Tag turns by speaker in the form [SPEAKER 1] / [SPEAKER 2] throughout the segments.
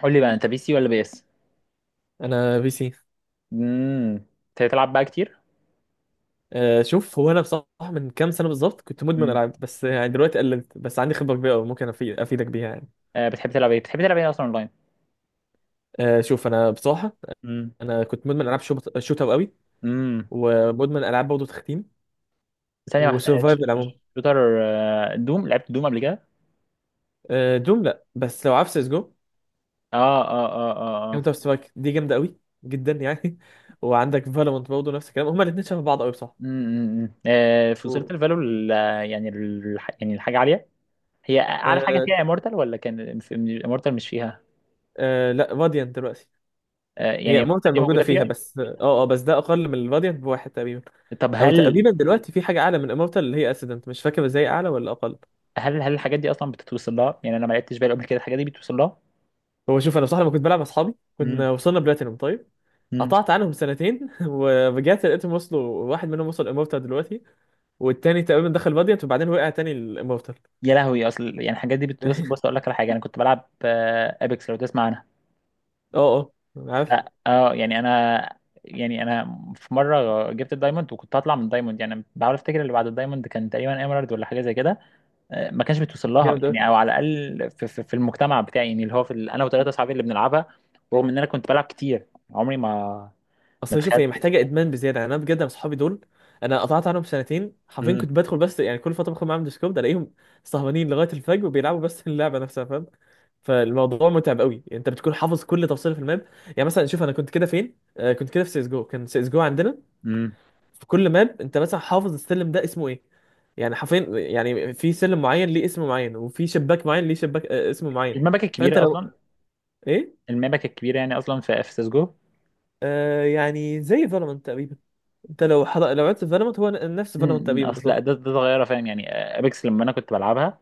[SPEAKER 1] قول لي بقى، انت بي سي ولا بي اس؟
[SPEAKER 2] انا بي سي.
[SPEAKER 1] امم بتلعب بقى كتير؟
[SPEAKER 2] شوف هو انا بصراحه من كام سنه بالظبط كنت مدمن
[SPEAKER 1] امم
[SPEAKER 2] العاب، بس يعني دلوقتي قللت. بس عندي خبره كبيره أوي ممكن افيدك بيها يعني.
[SPEAKER 1] آه، بتحب تلعب ايه؟ اصلا اونلاين؟
[SPEAKER 2] شوف انا بصراحه
[SPEAKER 1] امم
[SPEAKER 2] انا كنت مدمن العاب شوت أوت قوي،
[SPEAKER 1] امم
[SPEAKER 2] ومدمن العاب برضه تختيم
[SPEAKER 1] ثانيه واحده،
[SPEAKER 2] وسرفايفل عموما.
[SPEAKER 1] شوتر. آه، دوم، لعبت دوم قبل كده؟
[SPEAKER 2] دوم لا، بس لو عارف سيس جو
[SPEAKER 1] اه اه اه اه اه.
[SPEAKER 2] كاونتر سترايك دي جامده قوي جدا يعني. وعندك فالورانت برضه نفس الكلام، هما الاثنين شبه بعض قوي بصراحه.
[SPEAKER 1] آه، في، وصلت
[SPEAKER 2] و-
[SPEAKER 1] الفالو يعني يعني الحاجه عاليه؟ هي اعلى حاجه
[SPEAKER 2] آه،
[SPEAKER 1] فيها امورتال، ولا كان امورتال مش فيها؟
[SPEAKER 2] لا، فاديانت دلوقتي.
[SPEAKER 1] آه، يعني
[SPEAKER 2] هي
[SPEAKER 1] امورتال
[SPEAKER 2] مورتال
[SPEAKER 1] دي
[SPEAKER 2] موجوده
[SPEAKER 1] موجوده
[SPEAKER 2] فيها،
[SPEAKER 1] فيها.
[SPEAKER 2] بس بس ده اقل من الفاديانت بواحد تقريبا.
[SPEAKER 1] طب
[SPEAKER 2] او
[SPEAKER 1] هل
[SPEAKER 2] تقريبا دلوقتي في حاجه اعلى من امورتال اللي هي اسيدنت، مش فاكر ازاي اعلى ولا اقل.
[SPEAKER 1] هل هل الحاجات دي اصلا بتتوصل لها؟ يعني انا ما لعبتش بالي قبل كده، الحاجات دي بتوصل لها؟
[SPEAKER 2] هو شوف انا بصراحه لما كنت بلعب مع اصحابي كنا وصلنا بلاتينوم. طيب،
[SPEAKER 1] امم
[SPEAKER 2] قطعت عنهم سنتين ورجعت لقيتهم وصلوا، واحد منهم وصل امورتال دلوقتي، والتاني تقريبا دخل فالديانت وبعدين وقع تاني الامورتال.
[SPEAKER 1] يا لهوي، اصل يعني الحاجات دي بتوصل. بص اقول لك على حاجه، انا كنت بلعب ابيكس، لو تسمع عنها.
[SPEAKER 2] اه اه
[SPEAKER 1] ف-
[SPEAKER 2] عارف.
[SPEAKER 1] اه، يعني انا في مره جبت الدايموند، وكنت هطلع من الدايموند، يعني بحاول افتكر اللي بعد الدايموند كان تقريبا ايمرالد ولا حاجه زي كده. آه، ما كانش بتوصل لها
[SPEAKER 2] جامد اوي.
[SPEAKER 1] يعني، او على الاقل في المجتمع بتاعي، يعني اللي هو انا وثلاثه اصحابي اللي بنلعبها، رغم ان انا كنت بلعب كتير، عمري ما
[SPEAKER 2] اصل شوف هي
[SPEAKER 1] تخيلت.
[SPEAKER 2] محتاجه ادمان بزياده يعني. انا بجد انا اصحابي دول، انا قطعت عنهم سنتين حرفيا،
[SPEAKER 1] امم
[SPEAKER 2] كنت بدخل بس يعني كل فتره بدخل معاهم ديسكورد الاقيهم سهرانين لغايه الفجر وبيلعبوا بس. اللعبه نفسها فاهم، فالموضوع متعب قوي، انت بتكون حافظ كل تفصيله في الماب. يعني مثلا شوف انا كنت كده فين، آه كنت كده في سيس جو، كان سيس جو عندنا
[SPEAKER 1] امم
[SPEAKER 2] في كل ماب انت مثلا حافظ السلم ده اسمه ايه. يعني حرفيا يعني في سلم معين ليه اسم معين، وفي شباك معين ليه شباك آه اسم معين.
[SPEAKER 1] المبكة
[SPEAKER 2] فانت
[SPEAKER 1] الكبيرة
[SPEAKER 2] لو
[SPEAKER 1] أصلا.
[SPEAKER 2] ايه،
[SPEAKER 1] المبكة الكبيرة يعني أصلا في سيسجو.
[SPEAKER 2] آه يعني زي فالورانت تقريبا. انت لو عدت فالورانت هو نفس فالورانت تقريبا
[SPEAKER 1] أصل
[SPEAKER 2] بالظبط.
[SPEAKER 1] ده صغيرة، فاهم يعني؟ أبيكس لما أنا كنت بلعبها،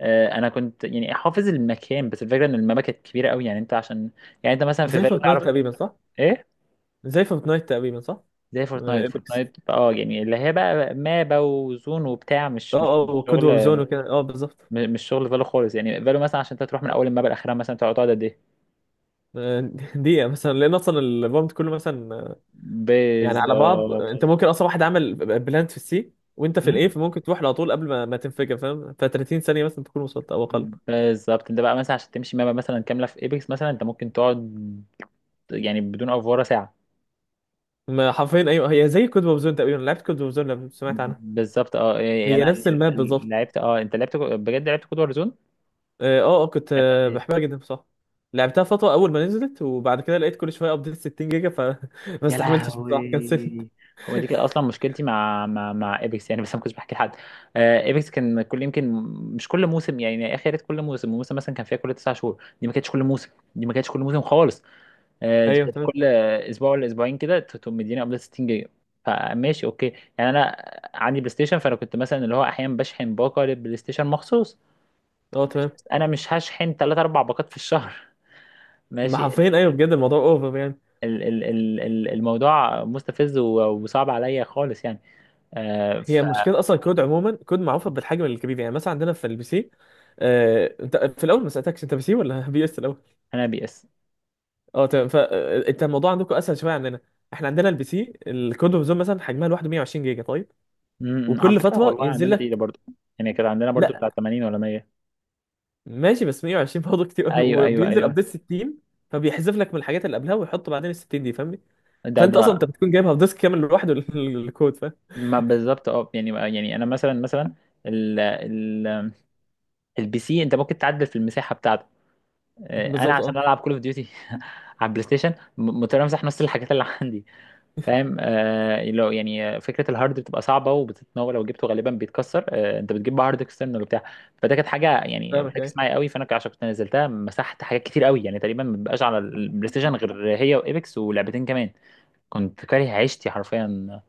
[SPEAKER 1] آه، انا كنت يعني حافظ المكان، بس الفكره ان المابا كانت كبيره قوي، يعني انت عشان، يعني انت مثلا في
[SPEAKER 2] زي
[SPEAKER 1] فالو
[SPEAKER 2] فورتنايت
[SPEAKER 1] تعرف؟
[SPEAKER 2] تقريبا صح؟
[SPEAKER 1] ايه؟
[SPEAKER 2] زي فورتنايت تقريبا صح.
[SPEAKER 1] زي فورتنايت،
[SPEAKER 2] ايبكس.
[SPEAKER 1] فورتنايت اه، يعني اللي هي بقى مابا وزون وبتاع،
[SPEAKER 2] اه. اه
[SPEAKER 1] مش
[SPEAKER 2] وكود
[SPEAKER 1] شغل،
[SPEAKER 2] وور زون وكده، اه بالظبط.
[SPEAKER 1] مش شغل فالو خالص. يعني فالو مثلا عشان انت تروح من اول المابا لاخرها، مثلا تقعد قد ايه؟
[SPEAKER 2] آه، دقيقة مثلا، لأن أصلا البامب كله مثلا، يعني على بعض
[SPEAKER 1] بالظبط.
[SPEAKER 2] أنت ممكن أصلا واحد عمل بلانت في السي وأنت في
[SPEAKER 1] مم؟
[SPEAKER 2] الإيه، فممكن تروح له على طول قبل ما تنفجر فاهم. ف 30 ثانية مثلا تكون وصلت أو أقل.
[SPEAKER 1] بالظبط. انت بقى مثلا عشان تمشي مابا مثلا كامله في ايبكس، مثلا انت ممكن تقعد، يعني بدون افوره ساعه.
[SPEAKER 2] ما حرفيا أيوه، هي زي كود ووب زون تقريبا، لعبت كود ووب زون لو سمعت عنها؟
[SPEAKER 1] بالظبط. اه يعني
[SPEAKER 2] هي
[SPEAKER 1] أنا
[SPEAKER 2] نفس الماب بالظبط.
[SPEAKER 1] لعبت، اه انت لعبت بجد، لعبت كود وارزون.
[SPEAKER 2] أه آه، كنت بحبها جدا بصراحة، لعبتها فترة أول ما نزلت، وبعد كده لقيت كل شوية أبديت 60 جيجا فما
[SPEAKER 1] يا
[SPEAKER 2] استحملتش بصراحة، كنسلت.
[SPEAKER 1] لهوي! هو دي كده اصلا مشكلتي مع ايبكس يعني، بس انا ما كنتش بحكي لحد. آه، ايبكس كان كل يمكن، مش كل موسم، يعني اخر كل موسم، موسم مثلا كان فيها كل تسع شهور، دي ما كانتش كل موسم. دي ما كانتش كل موسم خالص. آه، دي
[SPEAKER 2] أيوه
[SPEAKER 1] كانت
[SPEAKER 2] تمام.
[SPEAKER 1] كل اسبوع ولا اسبوعين كده، تقوم مديني قبل 60 جيجا. فماشي اوكي، يعني انا عندي بلاي ستيشن، فانا كنت مثلا اللي هو احيانا بشحن باقه للبلاي ستيشن مخصوص.
[SPEAKER 2] أه تمام.
[SPEAKER 1] انا مش هشحن 3 4 باقات في الشهر،
[SPEAKER 2] ما
[SPEAKER 1] ماشي.
[SPEAKER 2] حرفيا أيوه، بجد الموضوع أوفر يعني.
[SPEAKER 1] الموضوع مستفز، وصعب عليا خالص يعني. آه،
[SPEAKER 2] هي
[SPEAKER 1] فانا،
[SPEAKER 2] مشكلة أصلا كود، عموما كود معروفة بالحجم الكبير، يعني مثلا عندنا في البي سي. أنت في الأول ما سألتكش، أنت بي سي ولا بي إس الأول؟
[SPEAKER 1] بي اس.
[SPEAKER 2] أه تمام، فأنت الموضوع عندكم أسهل شوية عندنا. إحنا عندنا البي سي الكود اوف زون مثلا حجمها لوحده 120 جيجا طيب،
[SPEAKER 1] على
[SPEAKER 2] وكل
[SPEAKER 1] فكره
[SPEAKER 2] فترة
[SPEAKER 1] والله
[SPEAKER 2] ينزل
[SPEAKER 1] عندنا تقيله
[SPEAKER 2] لك.
[SPEAKER 1] برضو، يعني كده عندنا برضو
[SPEAKER 2] لا
[SPEAKER 1] بتاع 80 ولا 100.
[SPEAKER 2] ماشي، بس 120 برضه كتير أوي.
[SPEAKER 1] ايوه ايوه
[SPEAKER 2] وبينزل
[SPEAKER 1] ايوه.
[SPEAKER 2] أبديت 60، فبيحذف لك من الحاجات اللي قبلها ويحط بعدين ال 60 دي، فاهمني؟
[SPEAKER 1] ده
[SPEAKER 2] فأنت
[SPEAKER 1] ده
[SPEAKER 2] أصلا أنت بتكون جايبها في ديسك كامل لوحده الكود، فاهم؟
[SPEAKER 1] ما بالظبط، اه يعني، يعني انا مثلا ال ال البي سي انت ممكن تعدل في المساحه بتاعته. آه، انا
[SPEAKER 2] بالظبط أه.
[SPEAKER 1] عشان العب كول اوف ديوتي على البلاي ستيشن، مضطر امسح نص الحاجات اللي عندي، فاهم. آه، لو يعني فكره الهارد بتبقى صعبه وبتتناول، لو جبته غالبا بيتكسر، آه انت بتجيب بقى هارد اكسترنال وبتاع. فده كانت حاجه يعني
[SPEAKER 2] فاهمك
[SPEAKER 1] ركز
[SPEAKER 2] أيوة.
[SPEAKER 1] معايا قوي، فانا عشان كنت نزلتها مسحت حاجات كتير قوي، يعني تقريبا ما بقاش على البلاي ستيشن غير هي وايبكس ولعبتين كمان. كنت كاره عيشتي حرفيا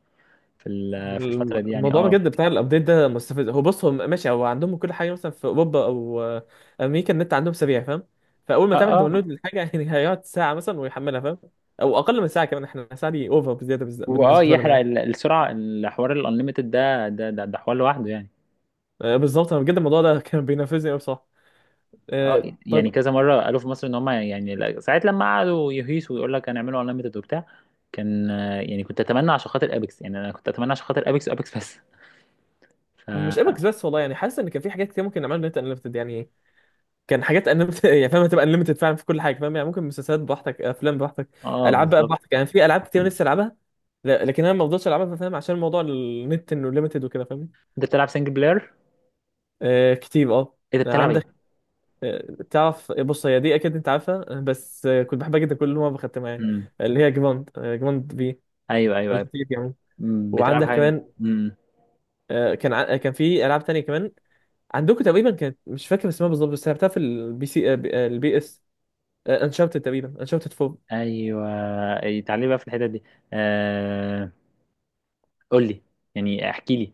[SPEAKER 1] في الفتره دي يعني.
[SPEAKER 2] الموضوع
[SPEAKER 1] اه
[SPEAKER 2] بجد بتاع الابديت ده مستفز. هو بص هو ماشي، هو عندهم كل حاجه، مثلا في اوروبا او امريكا النت عندهم سريع فاهم، فاول ما
[SPEAKER 1] اه
[SPEAKER 2] تعمل داونلود
[SPEAKER 1] اه،
[SPEAKER 2] للحاجه يعني هيقعد ساعه مثلا ويحملها فاهم، او اقل من ساعه كمان. احنا ساعه دي اوفر بزياده
[SPEAKER 1] واه،
[SPEAKER 2] بالنسبه لهم
[SPEAKER 1] يحرق
[SPEAKER 2] يعني.
[SPEAKER 1] السرعه. الحوار الانليمتد ده حوار لوحده يعني.
[SPEAKER 2] بالظبط، انا بجد الموضوع ده كان بينرفزني قوي بصراحه.
[SPEAKER 1] اه، يعني
[SPEAKER 2] طيب،
[SPEAKER 1] كذا مره قالوا في مصر ان هم يعني، ساعات لما قعدوا يهيسوا ويقول لك هنعملوا انليمتد وبتاع. كان آه، يعني كنت اتمنى عشان خاطر ابيكس، يعني انا كنت اتمنى عشان خاطر ابيكس وابيكس بس.
[SPEAKER 2] مش
[SPEAKER 1] ف،
[SPEAKER 2] ابك بس والله، يعني حاسس ان كان في حاجات كتير ممكن نعملها نت انليمتد يعني. كان حاجات انليمتد يعني فاهم، هتبقى انليمتد فعلا في كل حاجه فاهم، يعني ممكن مسلسلات براحتك، افلام براحتك،
[SPEAKER 1] اه
[SPEAKER 2] العاب بقى
[SPEAKER 1] بالظبط.
[SPEAKER 2] براحتك. يعني في العاب كتير نفسي العبها، لكن انا ما بفضلش العبها فاهم، عشان موضوع النت انه ليميتد وكده فاهمني.
[SPEAKER 1] انت بتلعب سنجل بلاير؟
[SPEAKER 2] آه كتير اه.
[SPEAKER 1] ايه ده، بتلعب
[SPEAKER 2] عندك
[SPEAKER 1] ايه؟
[SPEAKER 2] تعرف بص هي دي اكيد انت عارفها، بس آه كنت بحبها جدا كل مره بختمها يعني،
[SPEAKER 1] امم
[SPEAKER 2] اللي هي جراند جراند بي،
[SPEAKER 1] ايوه ايوه
[SPEAKER 2] او جي
[SPEAKER 1] ايوه.
[SPEAKER 2] تي يعني.
[SPEAKER 1] أمم، بتلعب
[SPEAKER 2] وعندك
[SPEAKER 1] حاجه؟
[SPEAKER 2] كمان كان كان في العاب تانية كمان عندكم تقريبا، كانت مش فاكر اسمها بالظبط، بس لعبتها في البي سي آه البي اس. انشارتد تقريبا، انشارتد.
[SPEAKER 1] ايوه. إيه، تعالي بقى في الحتت دي. آه، قول لي، يعني احكي لي.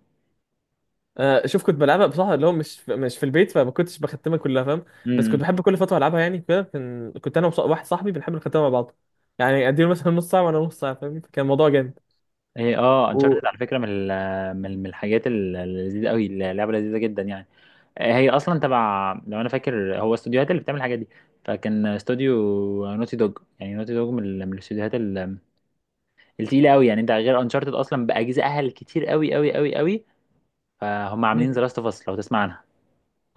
[SPEAKER 2] شوف كنت بلعبها بصراحه، اللي هو مش في البيت، فما كنتش بختمها كلها فاهم، بس كنت
[SPEAKER 1] امم
[SPEAKER 2] بحب كل فتره العبها. يعني كده كنت انا واحد صاحبي بنحب نختمها مع بعض، يعني اديله مثلا نص ساعه وانا نص ساعه فاهم، كان الموضوع جامد.
[SPEAKER 1] ايه، اه
[SPEAKER 2] و...
[SPEAKER 1] انشارتد على فكره، من من الحاجات اللذيذه قوي، اللعبه لذيذه جدا يعني. هي اصلا تبع، لو انا فاكر، هو استوديوهات اللي بتعمل الحاجات دي، فكان استوديو نوتي دوج، يعني نوتي دوج من الاستوديوهات التقيله قوي يعني. انت غير انشارتد اصلا باجزائها الكتير قوي قوي قوي قوي، فهم
[SPEAKER 2] مم.
[SPEAKER 1] عاملين ذا لاست اوف اس، لو تسمع عنها.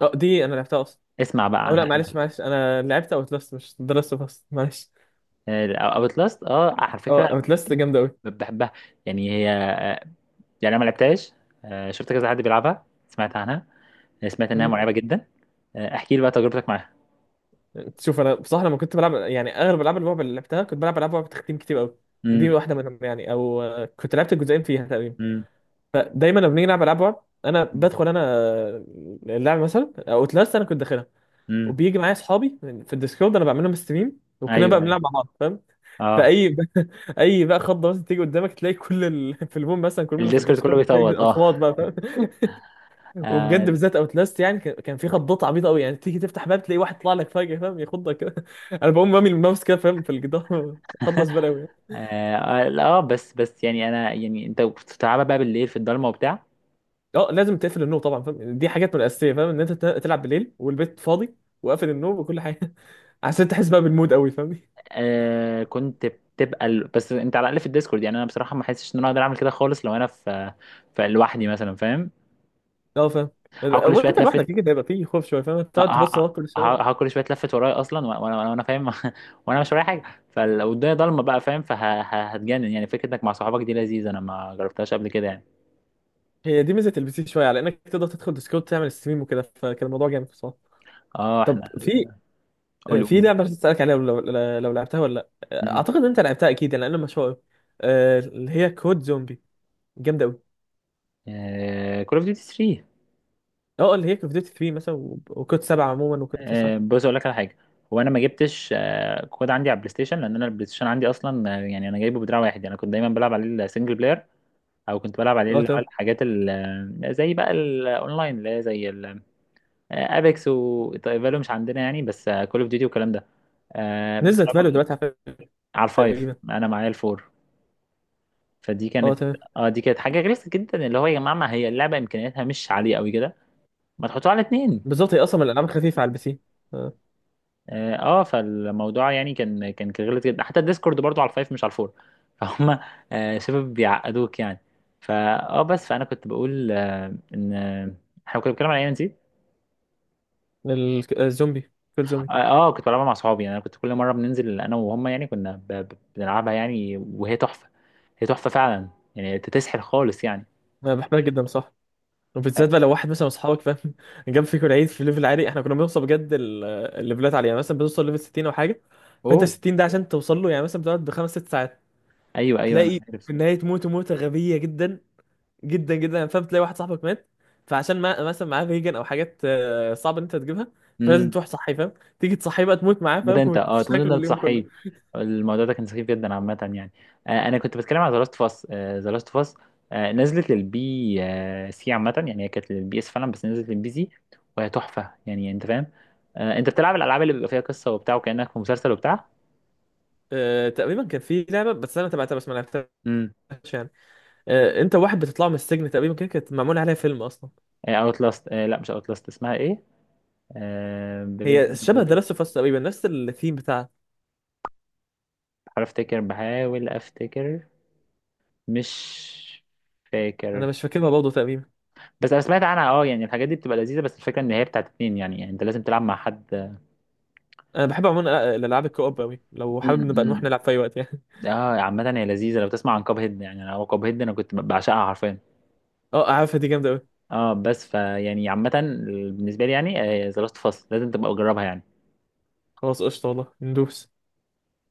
[SPEAKER 2] اه دي انا لعبتها اصلا.
[SPEAKER 1] اسمع بقى
[SPEAKER 2] او لا
[SPEAKER 1] عنها،
[SPEAKER 2] معلش
[SPEAKER 1] ايوه.
[SPEAKER 2] معلش انا لعبت اوت لاست، مش درست بس معلش.
[SPEAKER 1] اوت لاست، اه على
[SPEAKER 2] اه
[SPEAKER 1] فكره
[SPEAKER 2] اوت لاست جامده قوي.
[SPEAKER 1] بحبها، يعني هي آه، يعني انا ما لعبتهاش. آه، شفت كذا حد بيلعبها، سمعت عنها، سمعت انها
[SPEAKER 2] مم.
[SPEAKER 1] مرعبه جدا. آه، احكي لي بقى تجربتك معاها.
[SPEAKER 2] شوف انا بصراحه لما كنت بلعب يعني اغلب العاب الرعب اللي لعبتها كنت بلعب العاب رعب تختيم كتير قوي، دي
[SPEAKER 1] امم
[SPEAKER 2] واحده منهم يعني. او كنت لعبت الجزئين فيها تقريبا.
[SPEAKER 1] امم
[SPEAKER 2] فدايما لما بنيجي نلعب العاب رعب انا بدخل انا، اللعب مثلا اوتلاست انا كنت داخلها،
[SPEAKER 1] امم
[SPEAKER 2] وبيجي معايا اصحابي في الديسكورد انا بعمل لهم ستريم، وكنا
[SPEAKER 1] ايوه
[SPEAKER 2] بقى بنلعب
[SPEAKER 1] ايوه،
[SPEAKER 2] مع بعض فاهم.
[SPEAKER 1] اه.
[SPEAKER 2] فاي اي بقى خضه مثلا تيجي قدامك، في البوم مثلا كل اللي في
[SPEAKER 1] الديسكورد كله
[SPEAKER 2] الديسكورد تلاقي
[SPEAKER 1] بيصوت، اه،
[SPEAKER 2] الاصوات بقى فاهم. وبجد
[SPEAKER 1] آه.
[SPEAKER 2] بالذات اوتلاست يعني كان في خضات عبيطه قوي، يعني تيجي تفتح باب تلاقي واحد طلع لك فجاه فاهم، يخضك كده انا بقوم رامي الماوس كده فاهم في الجدار. خضه زباله قوي.
[SPEAKER 1] آه, آه, آه، بس يعني أنا، يعني أنت بتلعبها بقى بالليل في الضلمة وبتاع؟
[SPEAKER 2] اه لازم تقفل النور طبعا فاهم، دي حاجات من الاساسيه فاهم، ان انت تلعب بالليل والبيت فاضي وقافل النور وكل حاجه، عشان تحس بقى بالمود قوي فاهم.
[SPEAKER 1] آه، كنت بتبقى بس أنت على الأقل في الديسكورد، يعني أنا بصراحة ما حسيتش إن أنا أقدر أعمل كده خالص لو أنا في، في لوحدي مثلا، فاهم.
[SPEAKER 2] اه فاهم.
[SPEAKER 1] هقعد كل شوية
[SPEAKER 2] وانت لوحدك
[SPEAKER 1] أتلفت.
[SPEAKER 2] كده هيبقى فيه خوف شويه فاهم،
[SPEAKER 1] ه-
[SPEAKER 2] تقعد
[SPEAKER 1] ه-
[SPEAKER 2] تبص
[SPEAKER 1] ه-
[SPEAKER 2] وراك كل شويه.
[SPEAKER 1] هقعد كل شوية أتلفت ورايا أصلا، وأنا فاهم. وأنا مش ورايا حاجة. فلو الدنيا ضلمة بقى فاهم، فهتجنن. يعني فكرة إنك مع صحابك دي لذيذة، أنا ما جربتهاش قبل كده يعني.
[SPEAKER 2] هي دي ميزه البي سي شويه، على انك تقدر تدخل ديسكورد تعمل ستريم وكده، فكان الموضوع جامد بصراحه.
[SPEAKER 1] أه
[SPEAKER 2] طب
[SPEAKER 1] إحنا،
[SPEAKER 2] في في
[SPEAKER 1] قولي.
[SPEAKER 2] لعبه عايز اسالك عليها، لو لعبتها ولا لا. اعتقد ان انت لعبتها اكيد لان انا مشهور، اللي هي كود زومبي، جامده قوي.
[SPEAKER 1] كول اوف ديوتي 3.
[SPEAKER 2] اه اللي هي كود ديوتي 3 مثلا وكود 7 عموما وكود 9.
[SPEAKER 1] آه، بص اقول لك على حاجه، هو انا ما جبتش آه، كود عندي على البلاي ستيشن، لان انا البلاي ستيشن عندي اصلا آه، يعني انا جايبه بدراع واحد، يعني انا كنت دايما بلعب عليه السنجل بلاير، او كنت بلعب عليه
[SPEAKER 2] اه
[SPEAKER 1] اللي هو
[SPEAKER 2] تمام.
[SPEAKER 1] الحاجات آه، زي بقى الاونلاين اللي هي زي ابيكس وفالو، مش عندنا يعني، بس كول اوف ديوتي والكلام ده. آه،
[SPEAKER 2] نزلت فالو دلوقتي على فكره.
[SPEAKER 1] على الفايف
[SPEAKER 2] تقريبا.
[SPEAKER 1] انا معايا الفور. فدي
[SPEAKER 2] اه
[SPEAKER 1] كانت،
[SPEAKER 2] تمام.
[SPEAKER 1] اه دي كانت حاجه غلسه جدا، اللي هو يا جماعه، ما هي اللعبه امكانياتها مش عاليه قوي كده، ما تحطوها على اتنين.
[SPEAKER 2] بالظبط، هي اصلا من الالعاب الخفيفه على البي سي. آه،
[SPEAKER 1] اه آه، فالموضوع يعني كان غلط جدا، حتى الديسكورد برضو على الفايف مش على الفور فهم. آه، شبه بيعقدوك يعني. فا اه بس فانا كنت بقول آه، ان آه، احنا كنا بنتكلم على اي ام سي.
[SPEAKER 2] الزومبي كود زومبي
[SPEAKER 1] اه آه، كنت بلعبها مع صحابي، يعني انا كنت كل مره بننزل انا وهم، يعني كنا بنلعبها يعني، وهي تحفه. هي تحفه فعلا، يعني تسحر خالص يعني.
[SPEAKER 2] انا بحبها جدا صح، وبالذات
[SPEAKER 1] آه،
[SPEAKER 2] بقى لو واحد مثلا من اصحابك فاهم جاب فيكم العيد في ليفل عالي. احنا كنا بنوصل بجد الليفلات عاليه، يعني مثلا بنوصل ليفل 60 او حاجه. فانت
[SPEAKER 1] اوه،
[SPEAKER 2] 60 ده عشان توصل له يعني مثلا بتقعد بخمس ست ساعات،
[SPEAKER 1] ايوه ايوه انا
[SPEAKER 2] تلاقي في
[SPEAKER 1] عارف.
[SPEAKER 2] النهايه تموت موته غبيه جدا جدا جدا يعني فاهم. تلاقي واحد صاحبك مات، فعشان ما مثلا معاه فيجن او حاجات صعب ان انت تجيبها، فلازم
[SPEAKER 1] إمم.
[SPEAKER 2] تروح صحي فاهم، تيجي تصحي بقى تموت معاه
[SPEAKER 1] تموت
[SPEAKER 2] فاهم.
[SPEAKER 1] انت، اه تموت انت
[SPEAKER 2] وتشكله اليوم كله.
[SPEAKER 1] بتصحيه. الموضوع ده كان سخيف جدا عامة يعني. آه، انا كنت بتكلم على ذا لاست اوف اس. ذا لاست اوف اس نزلت للبي آه سي عامة، يعني هي كانت للبي اس فعلا، بس نزلت للبي سي، وهي تحفة يعني، انت فاهم. آه، انت بتلعب الالعاب اللي بيبقى فيها قصة وبتاع، وكأنك في مسلسل وبتاع.
[SPEAKER 2] تقريبا كان في لعبه بس انا تبعتها بس ما لعبتهاش
[SPEAKER 1] امم
[SPEAKER 2] يعني، انت واحد بتطلع من السجن تقريبا كده، كانت معمول عليها فيلم اصلا.
[SPEAKER 1] اوت لاست، لا مش اوت لاست، اسمها ايه؟ آه،
[SPEAKER 2] هي شبه ذا لاست اوف اس تقريبا، نفس الثيم بتاعها.
[SPEAKER 1] بحاول افتكر، بحاول افتكر، مش
[SPEAKER 2] انا
[SPEAKER 1] فاكر.
[SPEAKER 2] مش فاكرها برضه تقريبا.
[SPEAKER 1] بس انا سمعت عنها، اه يعني الحاجات دي بتبقى لذيذه، بس الفكره ان هي بتاعت اتنين، يعني، يعني انت لازم تلعب مع حد.
[SPEAKER 2] انا بحب عموما الالعاب الكوب قوي، لو حابب نبقى نروح
[SPEAKER 1] امم
[SPEAKER 2] نلعب في اي وقت يعني.
[SPEAKER 1] اه، عامة هي لذيذة. لو تسمع عن كاب هيد، يعني انا كاب هيد انا كنت بعشقها حرفيا.
[SPEAKER 2] اه عارفها دي جامده قوي.
[SPEAKER 1] اه بس فيعني عامة بالنسبة لي يعني، ذا لاست اوف اس لازم تبقى تجربها يعني.
[SPEAKER 2] خلاص قشطه والله ندوس.